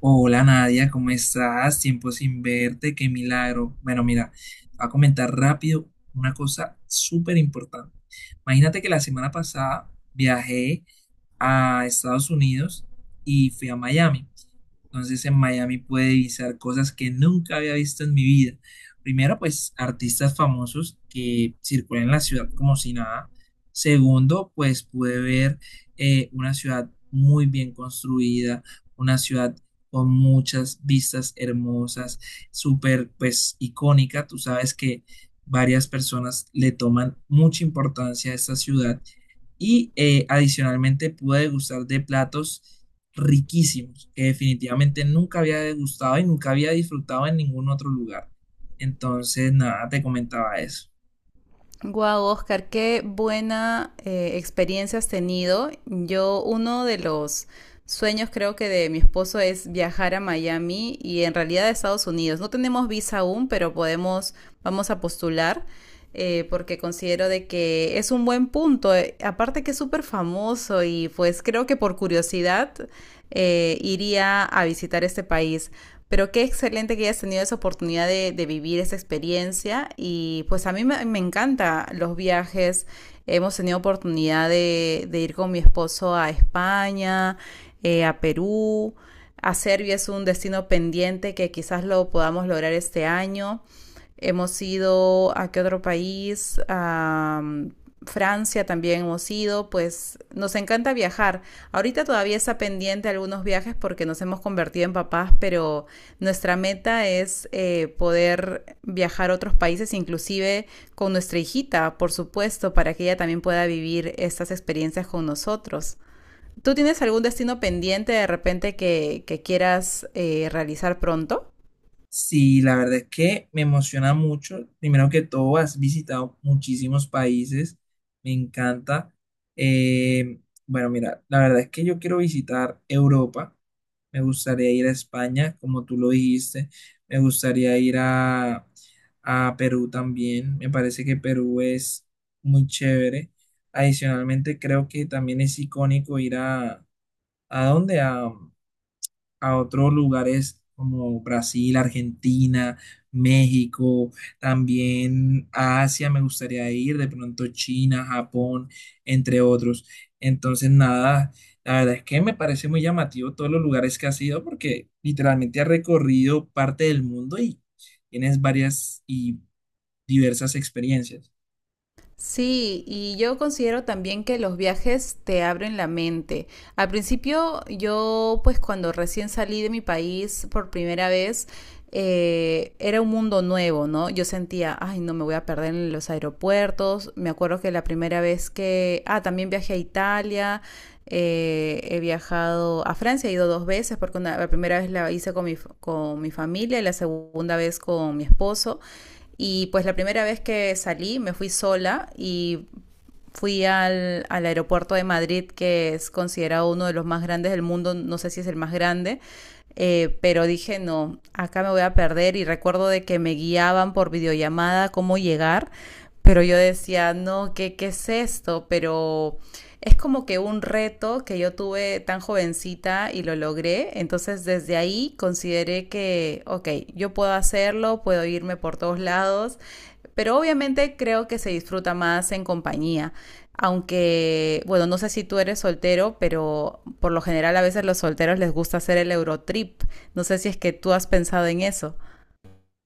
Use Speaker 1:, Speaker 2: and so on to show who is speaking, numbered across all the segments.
Speaker 1: Hola Nadia, ¿cómo estás? Tiempo sin verte, qué milagro. Bueno, mira, te voy a comentar rápido una cosa súper importante. Imagínate que la semana pasada viajé a Estados Unidos y fui a Miami. Entonces en Miami pude visitar cosas que nunca había visto en mi vida. Primero, pues artistas famosos que circulan en la ciudad como si nada. Segundo, pues pude ver una ciudad muy bien construida, una ciudad con muchas vistas hermosas, súper pues icónica. Tú sabes que varias personas le toman mucha importancia a esta ciudad y adicionalmente pude degustar de platos riquísimos que definitivamente nunca había degustado y nunca había disfrutado en ningún otro lugar. Entonces, nada, te comentaba eso.
Speaker 2: Guau, Oscar, qué buena experiencia has tenido. Yo, uno de los sueños creo que de mi esposo es viajar a Miami y en realidad a Estados Unidos. No tenemos visa aún, pero podemos, vamos a postular porque considero de que es un buen punto. Aparte que es súper famoso y pues creo que por curiosidad iría a visitar este país. Pero qué excelente que hayas tenido esa oportunidad de vivir esa experiencia y pues a mí me encanta los viajes. Hemos tenido oportunidad de ir con mi esposo a España, a Perú, a Serbia es un destino pendiente que quizás lo podamos lograr este año. Hemos ido a qué otro país, Francia también hemos ido, pues nos encanta viajar. Ahorita todavía está pendiente algunos viajes porque nos hemos convertido en papás, pero nuestra meta es poder viajar a otros países, inclusive con nuestra hijita, por supuesto, para que ella también pueda vivir estas experiencias con nosotros. ¿Tú tienes algún destino pendiente de repente que quieras realizar pronto?
Speaker 1: Sí, la verdad es que me emociona mucho. Primero que todo, has visitado muchísimos países. Me encanta. Eh, bueno, mira, la verdad es que yo quiero visitar Europa. Me gustaría ir a España, como tú lo dijiste. Me gustaría ir a Perú también. Me parece que Perú es muy chévere. Adicionalmente, creo que también es icónico ir a... ¿A dónde? A otros lugares como Brasil, Argentina, México, también a Asia me gustaría ir, de pronto China, Japón, entre otros. Entonces, nada, la verdad es que me parece muy llamativo todos los lugares que has ido porque literalmente has recorrido parte del mundo y tienes varias y diversas experiencias.
Speaker 2: Sí, y yo considero también que los viajes te abren la mente. Al principio, yo pues cuando recién salí de mi país por primera vez, era un mundo nuevo, ¿no? Yo sentía, ay, no me voy a perder en los aeropuertos. Me acuerdo que la primera vez que, también viajé a Italia, he viajado a Francia, he ido dos veces, porque la primera vez la hice con mi, con mi familia y la segunda vez con mi esposo. Y pues la primera vez que salí me fui sola y fui al aeropuerto de Madrid, que es considerado uno de los más grandes del mundo, no sé si es el más grande, pero dije, no, acá me voy a perder y recuerdo de que me guiaban por videollamada cómo llegar, pero yo decía, no, ¿qué, qué es esto? Pero es como que un reto que yo tuve tan jovencita y lo logré. Entonces desde ahí consideré que, ok, yo puedo hacerlo, puedo irme por todos lados, pero obviamente creo que se disfruta más en compañía. Aunque, bueno, no sé si tú eres soltero, pero por lo general a veces los solteros les gusta hacer el Eurotrip. No sé si es que tú has pensado en eso.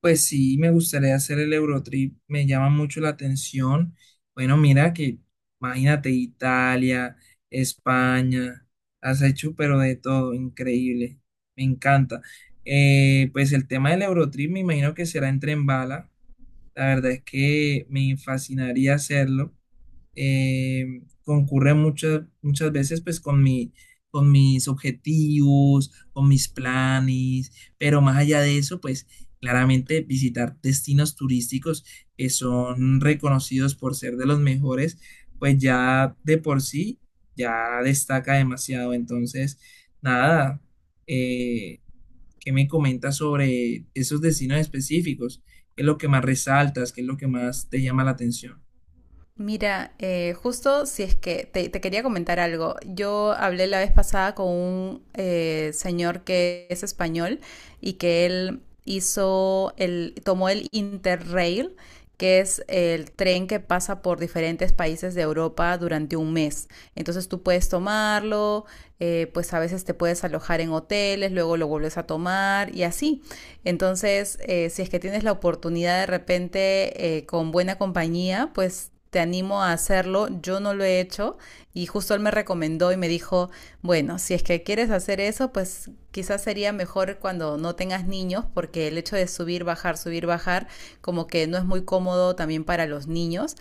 Speaker 1: Pues sí, me gustaría hacer el Eurotrip, me llama mucho la atención. Bueno, mira que, imagínate, Italia, España, has hecho pero de todo, increíble, me encanta. Pues el tema del Eurotrip me imagino que será en tren bala, la verdad es que me fascinaría hacerlo, concurre muchas, muchas veces pues con con mis objetivos, con mis planes, pero más allá de eso, pues claramente visitar destinos turísticos que son reconocidos por ser de los mejores, pues ya de por sí, ya destaca demasiado. Entonces, nada, eh, ¿qué me comentas sobre esos destinos específicos? ¿Qué es lo que más resaltas? ¿Qué es lo que más te llama la atención?
Speaker 2: Mira, justo si es que te quería comentar algo. Yo hablé la vez pasada con un señor que es español y que él hizo el, tomó el Interrail, que es el tren que pasa por diferentes países de Europa durante un mes. Entonces tú puedes tomarlo, pues a veces te puedes alojar en hoteles, luego lo vuelves a tomar y así. Entonces, si es que tienes la oportunidad de repente con buena compañía, pues te animo a hacerlo. Yo no lo he hecho y justo él me recomendó y me dijo, bueno, si es que quieres hacer eso, pues quizás sería mejor cuando no tengas niños, porque el hecho de subir, bajar, como que no es muy cómodo también para los niños,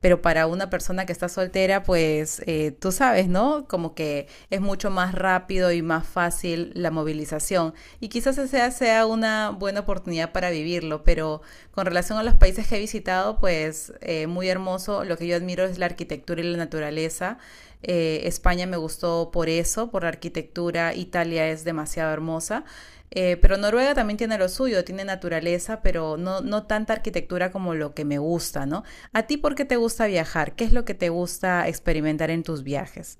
Speaker 2: pero para una persona que está soltera, pues tú sabes, ¿no? Como que es mucho más rápido y más fácil la movilización y quizás esa sea una buena oportunidad para vivirlo, pero con relación a los países que he visitado, pues muy hermoso, lo que yo admiro es la arquitectura y la naturaleza. España me gustó por eso, por la arquitectura, Italia es demasiado hermosa. Pero Noruega también tiene lo suyo, tiene naturaleza, pero no, no tanta arquitectura como lo que me gusta, ¿no? ¿A ti por qué te gusta viajar? ¿Qué es lo que te gusta experimentar en tus viajes?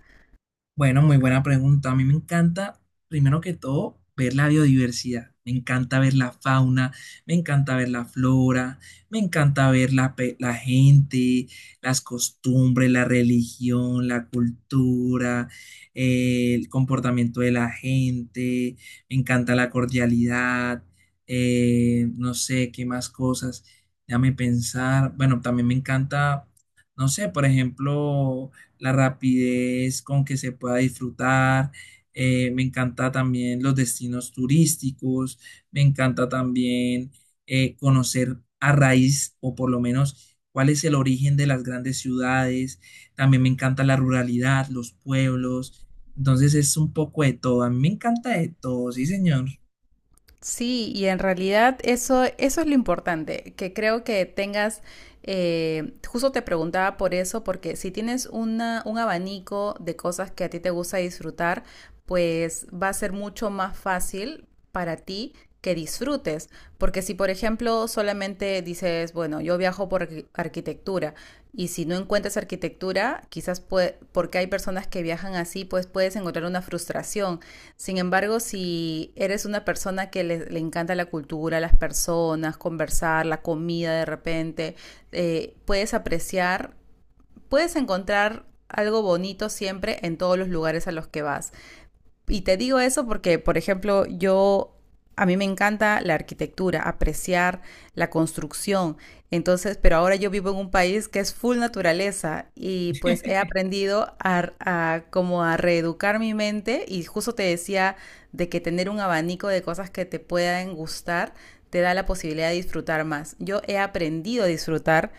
Speaker 1: Bueno, muy buena pregunta. A mí me encanta, primero que todo, ver la biodiversidad. Me encanta ver la fauna, me encanta ver la flora, me encanta ver la gente, las costumbres, la religión, la cultura, el comportamiento de la gente. Me encanta la cordialidad. No sé qué más cosas. Déjame pensar. Bueno, también me encanta, no sé, por ejemplo la rapidez con que se pueda disfrutar. Me encanta también los destinos turísticos, me encanta también conocer a raíz o por lo menos cuál es el origen de las grandes ciudades. También me encanta la ruralidad, los pueblos. Entonces es un poco de todo. A mí me encanta de todo, sí, señor.
Speaker 2: Sí, y en realidad eso es lo importante, que creo que tengas, justo te preguntaba por eso, porque si tienes una, un abanico de cosas que a ti te gusta disfrutar, pues va a ser mucho más fácil para ti que disfrutes, porque si por ejemplo solamente dices, bueno, yo viajo por arquitectura y si no encuentras arquitectura, quizás porque hay personas que viajan así, pues puedes encontrar una frustración sin embargo, si eres una persona que le encanta la cultura, las personas, conversar, la comida de repente, puedes apreciar, puedes encontrar algo bonito siempre en todos los lugares a los que vas. Y te digo eso porque, por ejemplo, yo a mí me encanta la arquitectura, apreciar la construcción. Entonces, pero ahora yo vivo en un país que es full naturaleza y pues he aprendido a como a reeducar mi mente y justo te decía de que tener un abanico de cosas que te puedan gustar te da la posibilidad de disfrutar más. Yo he aprendido a disfrutar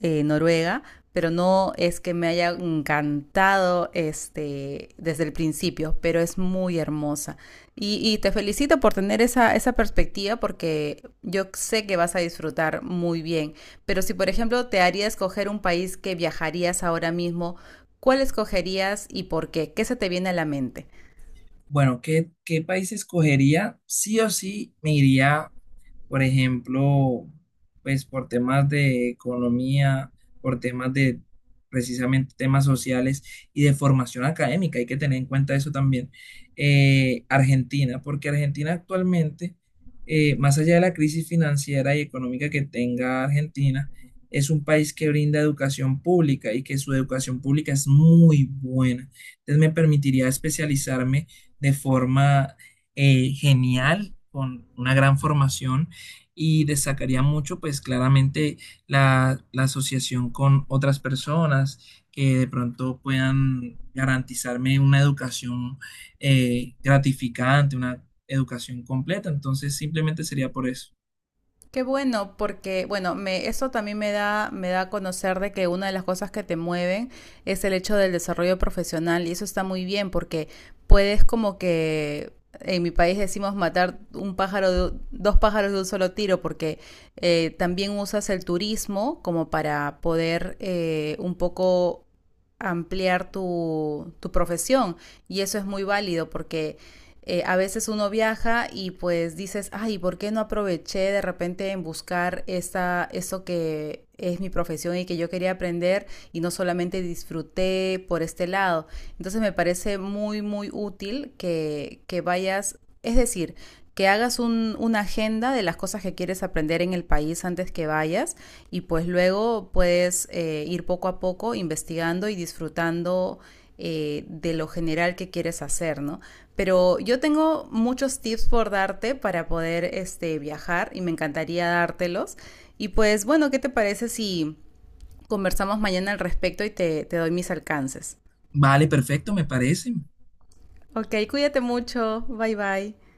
Speaker 2: Noruega, pero no es que me haya encantado este, desde el principio, pero es muy hermosa. Y te felicito por tener esa perspectiva porque yo sé que vas a disfrutar muy bien, pero si por ejemplo te haría escoger un país que viajarías ahora mismo, ¿cuál escogerías y por qué? ¿Qué se te viene a la mente?
Speaker 1: Bueno, ¿qué, qué país escogería? Sí o sí me iría, por ejemplo, pues por temas de economía, por temas de precisamente temas sociales y de formación académica. Hay que tener en cuenta eso también. Argentina, porque Argentina actualmente, más allá de la crisis financiera y económica que tenga Argentina, es un país que brinda educación pública y que su educación pública es muy buena. Entonces me permitiría especializarme de forma genial, con una gran formación y destacaría mucho, pues claramente, la asociación con otras personas que de pronto puedan garantizarme una educación gratificante, una educación completa. Entonces, simplemente sería por eso.
Speaker 2: Qué bueno, porque bueno, me, eso también me da a conocer de que una de las cosas que te mueven es el hecho del desarrollo profesional y eso está muy bien porque puedes como que en mi país decimos matar un pájaro de, dos pájaros de un solo tiro porque también usas el turismo como para poder un poco ampliar tu profesión y eso es muy válido porque a veces uno viaja y pues dices, ay, ¿por qué no aproveché de repente en buscar esa, eso que es mi profesión y que yo quería aprender y no solamente disfruté por este lado? Entonces me parece muy útil que vayas, es decir, que hagas un, una agenda de las cosas que quieres aprender en el país antes que vayas y pues luego puedes ir poco a poco investigando y disfrutando de lo general que quieres hacer, ¿no? Pero yo tengo muchos tips por darte para poder este, viajar y me encantaría dártelos. Y pues bueno, ¿qué te parece si conversamos mañana al respecto y te doy mis alcances?
Speaker 1: Vale, perfecto, me parece.
Speaker 2: Ok, cuídate mucho. Bye bye.